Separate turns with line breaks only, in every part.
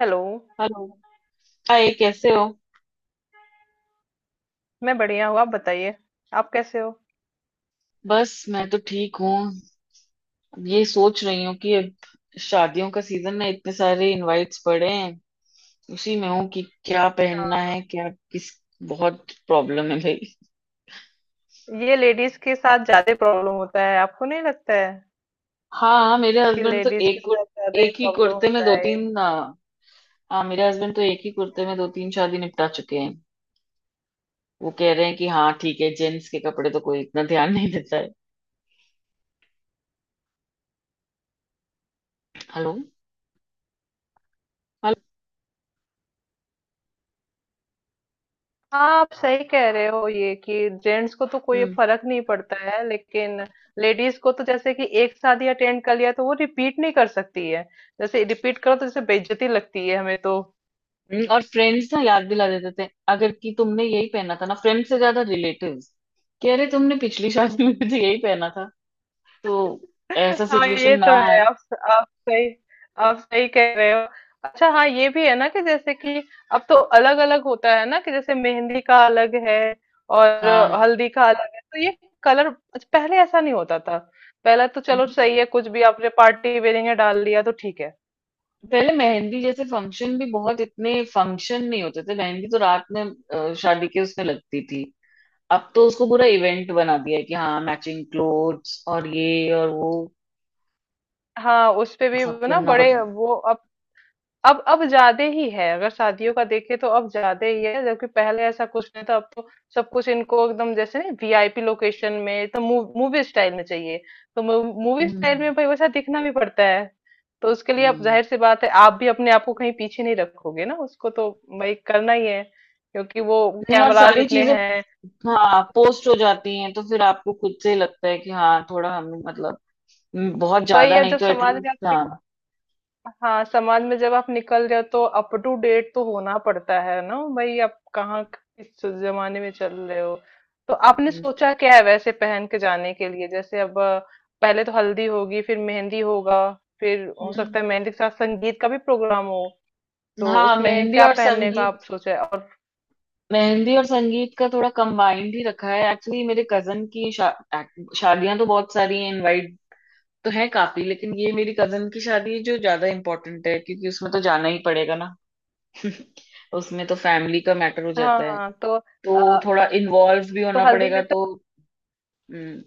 Hello.
Hello. Hi, कैसे हो?
मैं बढ़िया हूँ, आप बताइए। आप कैसे हो?
बस मैं तो ठीक हूँ। अब ये सोच रही हूँ कि अब शादियों का सीजन है, इतने सारे इनवाइट्स पड़े हैं। उसी में हूँ कि क्या पहनना है, क्या किस। बहुत प्रॉब्लम है भाई।
ये लेडीज के साथ ज्यादा प्रॉब्लम होता है, आपको नहीं लगता है
हाँ, हाँ, मेरे
कि
हस्बैंड तो
लेडीज के साथ ज्यादा ही
एक ही
प्रॉब्लम
कुर्ते में
होता
दो
है।
तीन आ, हाँ, मेरे हस्बैंड तो एक ही कुर्ते में दो तीन शादी निपटा चुके हैं। वो कह रहे हैं कि हाँ ठीक है, जेंट्स के कपड़े तो कोई इतना ध्यान नहीं देता है। हेलो? हेलो?
हाँ, आप सही कह रहे हो ये कि जेंट्स को तो कोई
हम्म।
फर्क नहीं पड़ता है, लेकिन लेडीज को तो जैसे कि एक शादी अटेंड कर लिया तो वो रिपीट नहीं कर सकती है। जैसे रिपीट करो तो जैसे बेइज्जती लगती है हमें तो।
और फ्रेंड्स ना याद दिला देते थे, अगर कि तुमने यही पहना था ना। फ्रेंड से ज्यादा रिलेटिव्स कि अरे, तुमने पिछली शादी में भी तो यही पहना था, तो ऐसा
हाँ, ये
सिचुएशन ना
तो है।
आए।
आप सही आप सही कह रहे हो। अच्छा, हाँ, ये भी है ना कि जैसे कि अब तो अलग अलग होता है ना, कि जैसे मेहंदी का अलग है और
हाँ।
हल्दी का अलग है, तो ये कलर। अच्छा, पहले ऐसा नहीं होता था। पहले तो चलो
हम्म।
सही है, कुछ भी आपने पार्टी वेयरिंग में डाल लिया तो ठीक है।
पहले मेहंदी जैसे फंक्शन भी बहुत, इतने फंक्शन नहीं होते थे। मेहंदी तो रात में शादी के उसमें लगती थी। अब तो उसको पूरा इवेंट बना दिया है कि हाँ, मैचिंग क्लोथ्स और ये और वो,
हाँ, उस पे भी
सब
ना
करना
बड़े
पड़ता।
वो। अब ज्यादा ही है। अगर शादियों का देखे तो अब ज्यादा ही है, जबकि पहले ऐसा कुछ नहीं था। अब तो सब कुछ इनको एकदम जैसे नहीं, वीआईपी लोकेशन में तो मूवी स्टाइल में चाहिए। तो मूवी स्टाइल
हम्म,
में भाई वैसा दिखना भी पड़ता है। तो उसके लिए अब
हम्म।
जाहिर सी बात है, आप भी अपने आप को कहीं पीछे नहीं रखोगे ना, उसको तो भाई करना ही है, क्योंकि वो
नहीं, और
कैमराज
सारी
इतने
चीजें।
हैं।
हाँ, पोस्ट हो जाती हैं तो फिर आपको खुद से ही लगता है कि हाँ, थोड़ा हम, मतलब, बहुत
भाई
ज्यादा
अब
नहीं
जब
तो
समाज में आप
एटलीस्ट, हाँ।
हाँ, समाज में जब आप निकल रहे हो तो अप टू डेट तो होना पड़ता है ना भाई, आप कहाँ किस जमाने में चल रहे हो? तो आपने
हम्म,
सोचा क्या है वैसे पहन के जाने के लिए? जैसे अब पहले तो हल्दी होगी, फिर मेहंदी होगा, फिर हो सकता
हम्म।
है मेहंदी के साथ संगीत का भी प्रोग्राम हो। तो
हाँ,
उसमें
मेहंदी
क्या
और
पहनने का
संगीत।
आप सोचा है? और
मेहंदी और संगीत का थोड़ा कंबाइंड ही रखा है एक्चुअली। मेरे कजन की शादियां तो बहुत सारी हैं इनवाइट तो है, काफी, लेकिन ये मेरी कजन की शादी है जो ज्यादा इम्पोर्टेंट है, क्योंकि उसमें तो जाना ही पड़ेगा ना। उसमें तो फैमिली का मैटर हो
हाँ,
जाता है,
हाँ, तो
तो थोड़ा इन्वॉल्व भी
तो
होना
हल्दी
पड़ेगा
में तो।
तो। हम्म।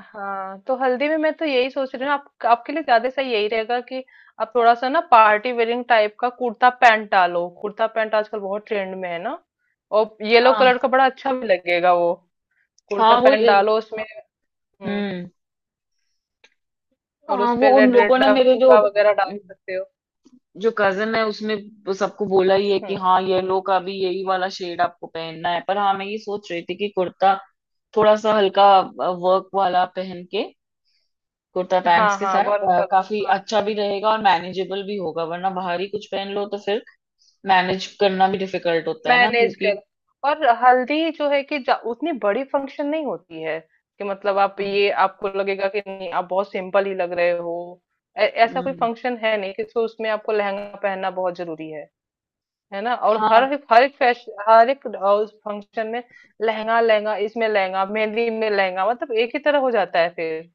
हाँ, तो हल्दी में मैं तो यही सोच रही हूँ, आपके लिए ज्यादा सही यही रहेगा कि आप थोड़ा सा ना पार्टी वेयरिंग टाइप का कुर्ता पैंट डालो। कुर्ता पैंट आजकल बहुत ट्रेंड में है ना। और येलो
हाँ,
कलर का बड़ा अच्छा भी लगेगा वो। कुर्ता
हाँ, वो
पैंट डालो उसमें। हम्म,
हम्म,
और
हाँ,
उस पे
वो उन
रेड
लोगों
रेड
ने
आप
मेरे जो
चूड़ा वगैरह डाल सकते हो।
जो कजन है, उसने वो सबको बोला ही है कि
हम्म,
हाँ, येलो का भी यही वाला शेड आपको पहनना है। पर हाँ, मैं ये सोच रही थी कि कुर्ता थोड़ा सा हल्का वर्क वाला पहन के कुर्ता
हाँ,
पैंट्स के
हाँ,
साथ
वर्क वाला।
काफी
हाँ,
अच्छा
हाँ।
भी रहेगा और मैनेजेबल भी होगा, वरना बाहरी कुछ पहन लो तो फिर मैनेज करना भी डिफिकल्ट होता है ना,
मैनेज
क्योंकि।
कर और हल्दी जो है कि उतनी बड़ी फंक्शन नहीं होती है कि मतलब आप ये, आपको लगेगा कि नहीं, आप बहुत सिंपल ही लग रहे हो। ऐसा कोई
हम्म,
फंक्शन है नहीं कि तो उसमें आपको लहंगा पहनना बहुत जरूरी है ना? और
हाँ,
हर एक फैशन, हर एक उस फंक्शन में लहंगा, लहंगा इसमें, लहंगा मेहंदी में, लहंगा मतलब एक ही तरह हो जाता है फिर।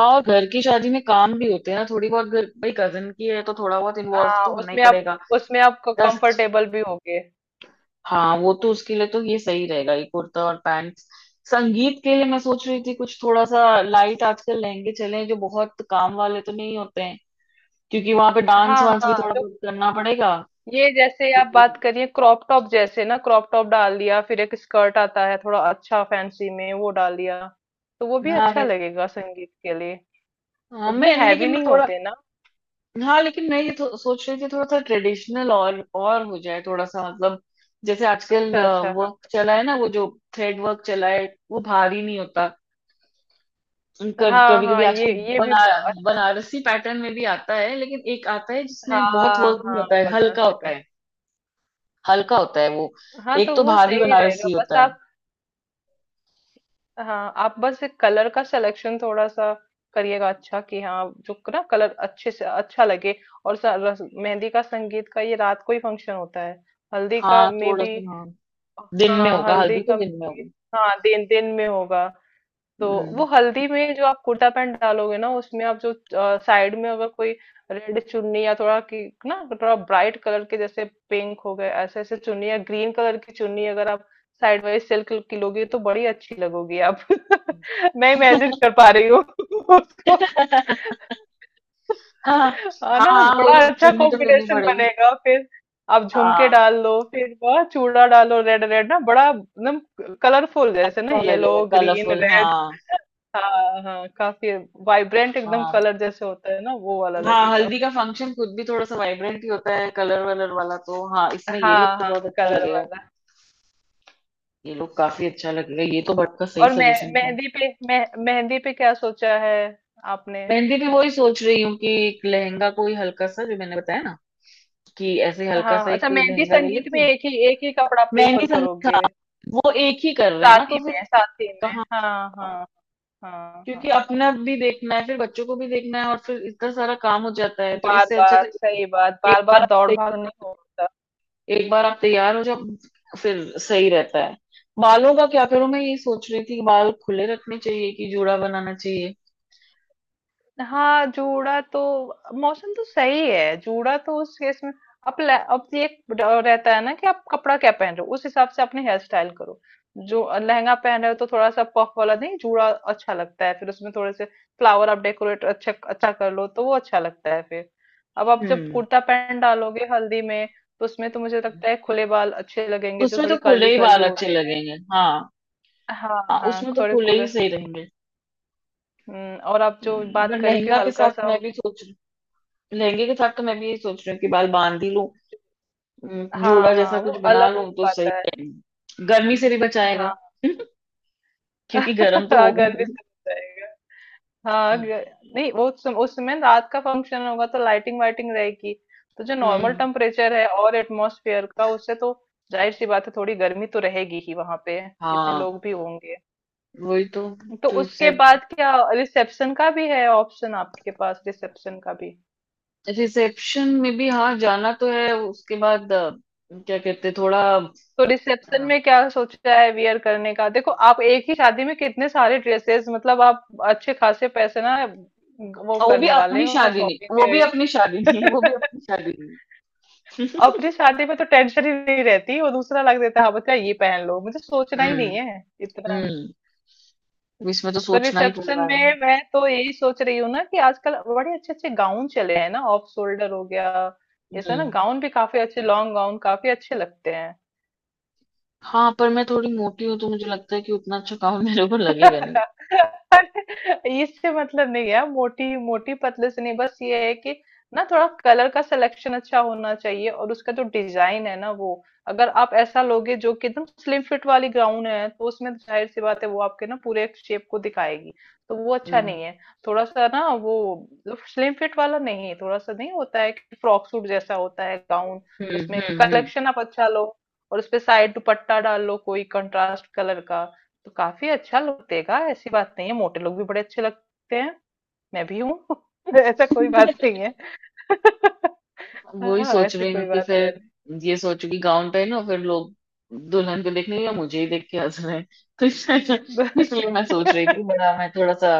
और घर की शादी में काम भी होते हैं ना थोड़ी बहुत। घर भाई कजन की है तो थोड़ा बहुत इन्वॉल्व
हाँ,
तो होना ही
उसमें आप
पड़ेगा।
उसमें आप
10।
कंफर्टेबल भी होगे।
हाँ, वो तो उसके लिए तो ये सही रहेगा, ये कुर्ता और पैंट्स। संगीत के लिए मैं सोच रही थी कुछ थोड़ा सा लाइट। आजकल लहंगे चले जो बहुत काम वाले तो नहीं होते हैं, क्योंकि वहां पे डांस
हाँ,
वांस भी
हाँ,
थोड़ा
जो
बहुत करना पड़ेगा,
ये जैसे आप
क्योंकि।
बात करिए क्रॉप टॉप जैसे ना, क्रॉप टॉप डाल दिया, फिर एक स्कर्ट आता है थोड़ा अच्छा फैंसी में, वो डाल दिया। तो वो भी
हाँ,
अच्छा
वैसे।
लगेगा संगीत के लिए,
हाँ,
उतनी
मैं लेकिन
हैवी
मैं
नहीं
थोड़ा,
होते ना।
हाँ, लेकिन मैं ये सोच रही थी थोड़ा सा ट्रेडिशनल और हो जाए, थोड़ा सा, मतलब, जैसे आजकल
अच्छा, अच्छा, हाँ,
वर्क चला है ना, वो जो थ्रेड वर्क चला है, वो भारी नहीं होता।
हाँ,
कभी कभी
हाँ,
आजकल
ये भी
बना
अच्छा।
बनारसी पैटर्न में भी आता है, लेकिन एक आता है जिसमें बहुत
हाँ,
वर्क नहीं
हाँ,
होता है, हल्का
बनारसी
होता
पहन।
है, हल्का होता है वो।
हाँ,
एक
तो
तो
वो
भारी
सही रहेगा,
बनारसी
बस
होता है।
आप, हाँ, आप बस एक कलर का सिलेक्शन थोड़ा सा करिएगा, अच्छा कि हाँ, जो ना कलर अच्छे से अच्छा लगे। और मेहंदी का संगीत का ये रात को ही फंक्शन होता है। हल्दी का
हाँ,
मे
थोड़ा
भी।
सा, हाँ। दिन में
हाँ,
होगा,
हल्दी
हल्दी तो
का।
दिन में होगी।
हाँ, दिन दिन में होगा। तो वो
हम्म।
हल्दी में जो आप कुर्ता पैंट डालोगे ना, उसमें आप जो साइड में अगर कोई रेड चुन्नी या थोड़ा की ना, थोड़ा ब्राइट कलर के जैसे पिंक हो गए, ऐसे ऐसे चुन्नी, या ग्रीन कलर की चुन्नी अगर आप साइड वाइज सिल्क की लोगी तो बड़ी अच्छी लगोगी आप। मैं इमेजिन कर पा रही हूँ उसको।
हाँ,
हाँ
हाँ।
ना,
हाँ,
बड़ा
वही
अच्छा
चुन्नी तो लेनी
कॉम्बिनेशन
पड़ेगी।
बनेगा फिर। आप झुमके
हाँ,
डाल दो, फिर वह चूड़ा डालो रेड रेड ना, बड़ा एकदम कलरफुल जैसे ना,
अच्छा
येलो,
लगेगा
ग्रीन,
कलरफुल, हाँ।
रेड। हाँ, हाँ, काफी वाइब्रेंट एकदम
हाँ,
कलर जैसे होता है ना, वो वाला
हाँ,
लगेगा।
हल्दी का फंक्शन खुद भी थोड़ा सा वाइब्रेंट ही होता है कलर वलर वाला, तो हाँ, इसमें ये लोग
हाँ,
तो
हाँ,
बहुत अच्छा
कलर
लगेगा।
वाला।
ये लोग काफी अच्छा लगेगा, ये तो बट का सही
और
सजेशन था।
मेहंदी पे, मेहंदी पे क्या सोचा है आपने?
मेहंदी भी वही सोच रही हूँ कि एक लहंगा कोई हल्का सा, जो मैंने बताया ना, कि ऐसे हल्का सा
हाँ,
एक
अच्छा,
कोई
मेहंदी
लहंगा ले
संगीत
लेती
में
हूँ।
एक ही कपड़ा
मेहंदी
प्रेफर
संगीत,
करोगे?
हाँ। वो एक ही कर रहे हैं ना, तो
साथी
फिर
में, साथी में,
कहाँ।
हाँ, हाँ, हाँ,
क्योंकि
हाँ।
अपना भी देखना है, फिर बच्चों को भी देखना है और फिर इतना सारा काम हो जाता है, तो
बार
इससे अच्छा
बार
तो
सही बात,
एक
बार
बार
बार
आप
दौड़
तै-
भाग नहीं होता।
एक बार आप तैयार हो जाओ, फिर सही रहता है। बालों का क्या करूं? मैं ये सोच रही थी कि बाल खुले रखने चाहिए कि जूड़ा बनाना चाहिए।
हाँ, जूड़ा तो। मौसम तो सही है, जूड़ा तो उस केस में। अब ये एक रहता है ना कि आप कपड़ा क्या पहन रहे हो, उस हिसाब से अपने हेयर स्टाइल करो। जो लहंगा पहन रहे हो तो थोड़ा सा पफ वाला नहीं, जूड़ा अच्छा लगता है, फिर उसमें थोड़े से फ्लावर आप डेकोरेट अच्छा अच्छा कर लो तो वो अच्छा लगता है फिर। अब आप जब
हम्म
कुर्ता पैंट डालोगे हल्दी में, तो उसमें तो मुझे लगता है खुले बाल अच्छे लगेंगे, जो
उसमें तो
थोड़ी
खुले
कर्ली
ही
कर्ली
बाल अच्छे
होते हैं।
लगेंगे, हाँ।
हाँ,
हाँ,
हाँ,
उसमें तो
थोड़े
खुले ही
खुले।
सही रहेंगे।
और आप जो बात
पर
करें कि
लहंगा के
हल्का
साथ
सा।
मैं भी सोच रही। लहंगे के साथ तो मैं भी ये सोच रही हूँ कि बाल बांध ही लूं,
हाँ,
जूड़ा जैसा
हाँ, वो
कुछ बना
अलग
लूं
लुक
तो सही
पाता है ना।
रहेंगे, गर्मी से भी बचाएगा।
हाँ,
क्योंकि गर्म तो हो
हाँ,
गए।
गर्मी से बच जाएगा। हाँ, नहीं, वो उस समय रात का फंक्शन होगा तो लाइटिंग वाइटिंग रहेगी। तो जो नॉर्मल
हम्म,
टेम्परेचर है और एटमॉस्फेयर का, उससे तो जाहिर सी बात है थोड़ी गर्मी तो रहेगी ही वहां पे, इतने
हाँ,
लोग भी होंगे।
वही तो।
तो उसके बाद क्या रिसेप्शन का भी है ऑप्शन आपके पास? रिसेप्शन का भी।
रिसेप्शन में भी हाँ, जाना तो है उसके बाद। क्या कहते हैं, थोड़ा,
तो रिसेप्शन
अ,
में क्या सोचा है वियर करने का? देखो, आप एक ही शादी में कितने सारे ड्रेसेस, मतलब आप अच्छे खासे पैसे ना वो
वो भी
करने वाले
अपनी
हो
शादी नहीं,
शॉपिंग
वो भी
में।
अपनी शादी नहीं, वो भी अपनी शादी नहीं।
अपनी शादी में तो टेंशन ही नहीं रहती, वो दूसरा लग देता है, हाँ बच्चा ये पहन लो, मुझे सोचना ही
हम्म,
नहीं है इतना।
हम्म। तो इसमें तो
तो
सोचना ही पड़
रिसेप्शन
रहा है।
में मैं तो यही सोच रही हूँ ना कि आजकल बड़े अच्छे अच्छे गाउन चले हैं ना, ऑफ शोल्डर हो गया जैसा ना,
हम्म।
गाउन भी काफी अच्छे, लॉन्ग गाउन काफी अच्छे लगते हैं।
हाँ, पर मैं थोड़ी मोटी हूँ तो मुझे लगता है कि उतना अच्छा काम मेरे ऊपर लगेगा नहीं।
अरे, इससे मतलब नहीं है मोटी मोटी पतले से, नहीं, बस ये है कि ना थोड़ा कलर का सिलेक्शन अच्छा होना चाहिए और उसका जो डिजाइन है ना वो, अगर आप ऐसा लोगे जो कि एकदम स्लिम फिट वाली गाउन है तो उसमें तो जाहिर सी बात है वो आपके ना पूरे शेप को दिखाएगी। तो वो अच्छा
हम्म,
नहीं है। थोड़ा सा ना वो, स्लिम फिट वाला नहीं, थोड़ा सा नहीं होता है कि फ्रॉक सूट जैसा होता है गाउन।
हम्म,
उसमें
हम्म, हम्म।
कलेक्शन आप अच्छा लो, और उसपे साइड दुपट्टा डाल लो कोई कंट्रास्ट कलर का, तो काफी अच्छा लुक देगा। ऐसी बात नहीं है, मोटे लोग भी बड़े अच्छे लगते हैं। मैं भी हूँ। ऐसा कोई बात नहीं है।
वही
हाँ,
सोच
ऐसी
रही
कोई
हूँ कि
बात है
फिर ये सोचू कि गाउन पहनो, फिर लोग दुल्हन को देखने या मुझे ही देख के हंस रहे हैं, तो इसलिए, मैं
नहीं।
सोच रही थी, बड़ा मैं थोड़ा सा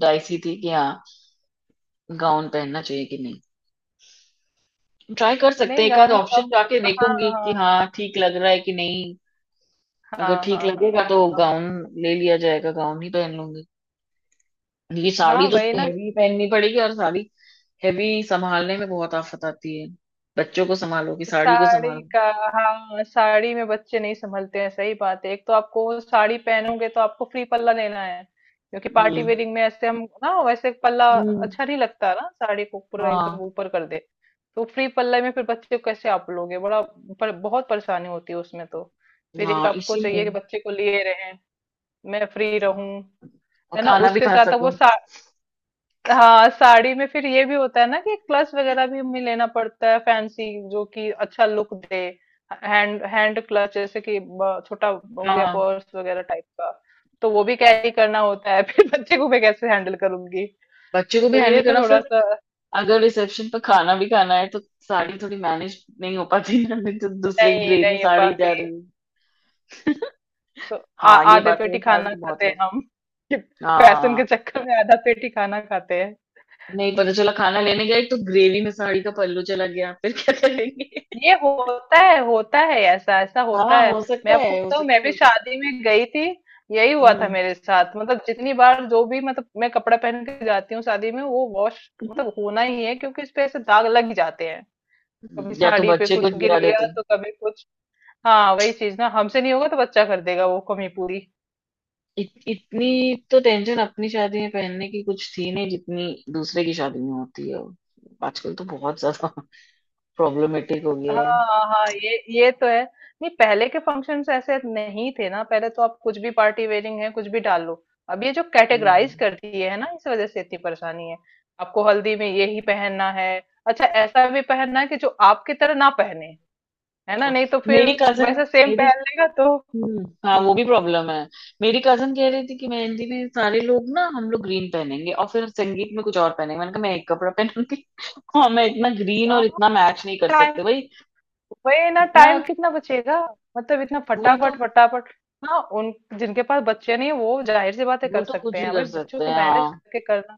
डाइसी थी कि हाँ, गाउन पहनना चाहिए कि नहीं। ट्राई कर सकते हैं
नहीं,
एक आध
गाँव सब।
ऑप्शन, जाके
हाँ,
देखूंगी कि
हाँ,
हाँ ठीक लग रहा है कि नहीं। अगर
हाँ,
ठीक
हाँ, हाँ, हाँ,
लगेगा तो
अब-
गाउन ले लिया जाएगा, गाउन ही पहन लूंगी, क्योंकि साड़ी
हाँ, वही
तो
ना।
हैवी पहननी पड़ेगी, और साड़ी हैवी संभालने में बहुत आफत आती है। बच्चों को संभालो कि साड़ी को
साड़ी
संभालो।
का। हाँ, साड़ी में बच्चे नहीं संभलते हैं, सही बात है। एक तो आपको वो साड़ी पहनोगे तो आपको फ्री पल्ला लेना है, क्योंकि पार्टी
हम्म,
वेयरिंग में ऐसे हम ना वैसे पल्ला
हम्म।
अच्छा नहीं लगता ना, साड़ी को पूरा एकदम
हाँ,
ऊपर कर दे। तो फ्री पल्ला में फिर बच्चे को कैसे आप लोगे? बड़ा बहुत परेशानी होती है उसमें तो। फिर एक
हाँ,
आपको
इसीलिए,
चाहिए कि बच्चे को लिए रहें, मैं फ्री रहूं,
और
है ना,
खाना भी
उसके
खा
साथ अब
सको।
वो। हाँ, साड़ी में फिर ये भी होता है ना कि क्लच वगैरह भी हमें लेना पड़ता है फैंसी, जो कि अच्छा लुक दे, हैंड हैंड क्लच जैसे कि छोटा हो गया
हाँ,
पर्स वगैरह टाइप का। तो वो भी कैरी करना होता है। फिर बच्चे को मैं कैसे हैंडल करूंगी?
बच्चों को भी
तो
हैंडल
ये
करना
थोड़ा
फिर,
सा।
अगर रिसेप्शन पर खाना भी खाना है तो साड़ी थोड़ी मैनेज नहीं हो पाती ना। नहीं तो दूसरे
नहीं,
ग्रेड में
नहीं हो
साड़ी
पाते।
जा रही है।
तो आ,
हाँ, ये
आधे
बात है,
पेटी
साड़ी
खाना
तो बहुत
खाते हैं
लग।
हम। फैशन के
हाँ,
चक्कर में आधा पेटी खाना खाते हैं।
नहीं पता चला खाना लेने गए तो ग्रेवी में साड़ी का पल्लू चला गया, फिर क्या करेंगे।
ये होता है, होता है, ऐसा ऐसा होता
हाँ,
है।
हो
मैं
सकता
आपको
है, हो
बताऊं,
सकता
मैं
है
भी
बिल्कुल।
शादी में गई थी, यही हुआ था
हम्म
मेरे साथ। मतलब जितनी बार जो भी, मतलब मैं कपड़ा पहन के जाती हूँ शादी में, वो वॉश मतलब होना ही है, क्योंकि इस पे ऐसे दाग लग ही जाते हैं। कभी
या तो
साड़ी पे
बच्चे कुछ
कुछ गिर
गिरा देते
गया,
हैं।
तो कभी कुछ, हाँ, वही चीज ना, हमसे नहीं होगा तो बच्चा कर देगा वो कमी पूरी।
इतनी तो टेंशन अपनी शादी में पहनने की कुछ थी नहीं जितनी दूसरे की शादी में होती है। आजकल तो बहुत ज्यादा प्रॉब्लमेटिक हो गया है।
हाँ, हाँ, ये तो है। नहीं, पहले के फंक्शंस ऐसे नहीं थे ना। पहले तो आप कुछ भी पार्टी वेयरिंग है, कुछ भी डाल लो। अब ये जो कैटेगराइज
हम्म।
कर दिए है ना, इस वजह से इतनी परेशानी है। आपको हल्दी में यही पहनना है। अच्छा, ऐसा भी पहनना है कि जो आपकी तरह ना पहने, है ना? नहीं तो फिर
मेरी कजन
वैसे सेम
मेरी
पहन लेगा तो।
हम्म, हाँ, वो
हम्म,
भी प्रॉब्लम है। मेरी कजन कह रही थी कि मेहंदी में सारे लोग ना, हम लोग ग्रीन पहनेंगे, और फिर संगीत में कुछ और पहनेंगे। मैंने कहा मैं एक कपड़ा पहनूंगी। हाँ, मैं इतना
तो
ग्रीन और
हाँ,
इतना मैच नहीं कर
टाइम,
सकते भाई।
वही ना,
इतना।
टाइम कितना बचेगा? मतलब इतना
वही तो।
फटाफट फटाफट। हाँ, उन जिनके पास बच्चे नहीं वो जाहिर सी बातें
वो
कर
तो
सकते
कुछ भी
हैं। भाई
कर
बच्चों
सकते
को
हैं,
मैनेज
हाँ।
करके करना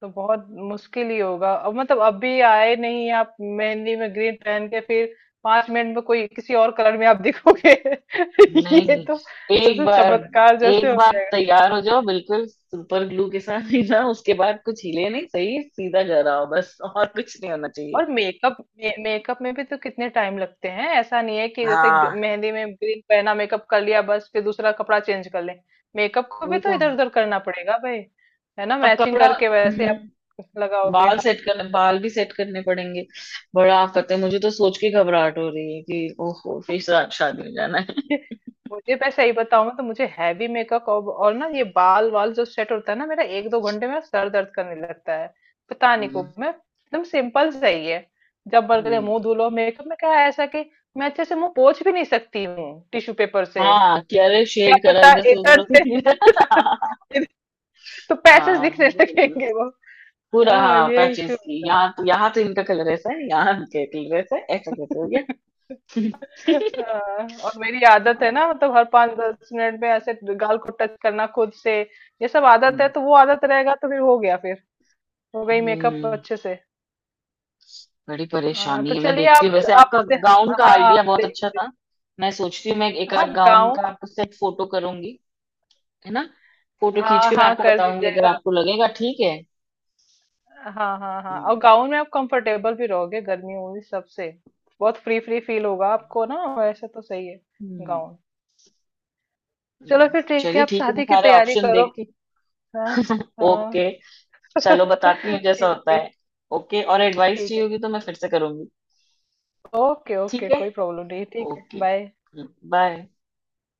तो बहुत मुश्किल ही होगा। अब मतलब अभी आए नहीं आप मेहंदी में ग्रीन पहन के, फिर 5 मिनट में कोई किसी और कलर में आप दिखोगे। ये
नहीं,
तो
एक
जैसे
बार,
चमत्कार जैसे
एक
हो
बार
जाएगा।
तैयार हो जाओ बिल्कुल सुपर ग्लू के साथ, सीधा, उसके बाद कुछ हिले नहीं, सही सीधा जा रहा हो बस, और कुछ नहीं होना चाहिए।
और मेकअप में भी तो कितने टाइम लगते हैं? ऐसा नहीं है कि जैसे
हाँ,
मेहंदी में ग्रीन पहना, मेकअप कर लिया बस, फिर दूसरा कपड़ा चेंज कर लें। मेकअप को भी
वही
तो
तो।
इधर उधर करना पड़ेगा भाई, है ना,
अब
मैचिंग
कपड़ा।
करके वैसे आप
हम्म।
लगाओगे।
बाल भी सेट करने पड़ेंगे। बड़ा आफत है, मुझे तो सोच के घबराहट हो रही है कि ओहो, फिर शादी में जाना है।
मुझे, मैं सही बताऊं तो मुझे हैवी मेकअप और ना, ये बाल वाल जो सेट होता है ना मेरा, एक दो घंटे में सर दर्द करने लगता है। पता नहीं को,
हम्म,
मैं एकदम सिंपल चाहिए। जब बन गए
हम्म।
मुंह धुलो, मेकअप में क्या है ऐसा कि मैं अच्छे से मुंह पोंछ भी नहीं सकती हूँ टिश्यू पेपर से।
हाँ कि अरे,
क्या
शेड करा
पता
इधर से उधर
इधर से।
होके।
तो पैसेज दिखने
हाँ, बिल्कुल।
लगेंगे वो।
पूरा
हाँ,
हाँ,
ये इशू।
पैचेस की, यहाँ तो, यहाँ तो इनका कलर ऐसा है, यहाँ इनका कलर ऐसा है, ऐसा कैसे हो गया।
हाँ, और मेरी आदत है
हाँ।
ना, मतलब हर पाँच दस मिनट में ऐसे गाल को टच करना खुद से। ये सब आदत है, तो वो आदत रहेगा तो फिर हो गया फिर, हो गई मेकअप
हम्म
अच्छे से।
बड़ी
हाँ,
परेशानी
तो
है। मैं
चलिए।
देखती हूँ
आप
वैसे, आपका
आप
गाउन का
हाँ,
आइडिया
आप
बहुत
देख
अच्छा था। मैं सोचती हूँ मैं एक
हाँ,
आध गाउन
गाउन।
का आपको सेट फोटो करूंगी, है ना? फोटो खींच
हाँ,
के मैं
हाँ,
आपको
कर
बताऊंगी, अगर
दीजिएगा।
आपको लगेगा ठीक है।
हाँ, हाँ, हाँ, और
हम्म।
गाउन में आप कंफर्टेबल भी रहोगे, गर्मी उर्मी सबसे बहुत फ्री फ्री फील होगा आपको ना, वैसे तो सही है
हम्म,
गाउन। चलो फिर ठीक है,
चलिए
आप
ठीक है, मैं
शादी की
सारे
तैयारी
ऑप्शन
करो।
देख के।
हाँ,
ओके,
हाँ।
चलो बताती हूँ जैसा
ठीक
होता
है।
है। ओके, और एडवाइस
ठीक
चाहिए
है,
होगी तो मैं फिर से करूंगी।
ओके,
ठीक
ओके,
है।
कोई प्रॉब्लम नहीं है। ठीक है,
ओके।
बाय।
बाय।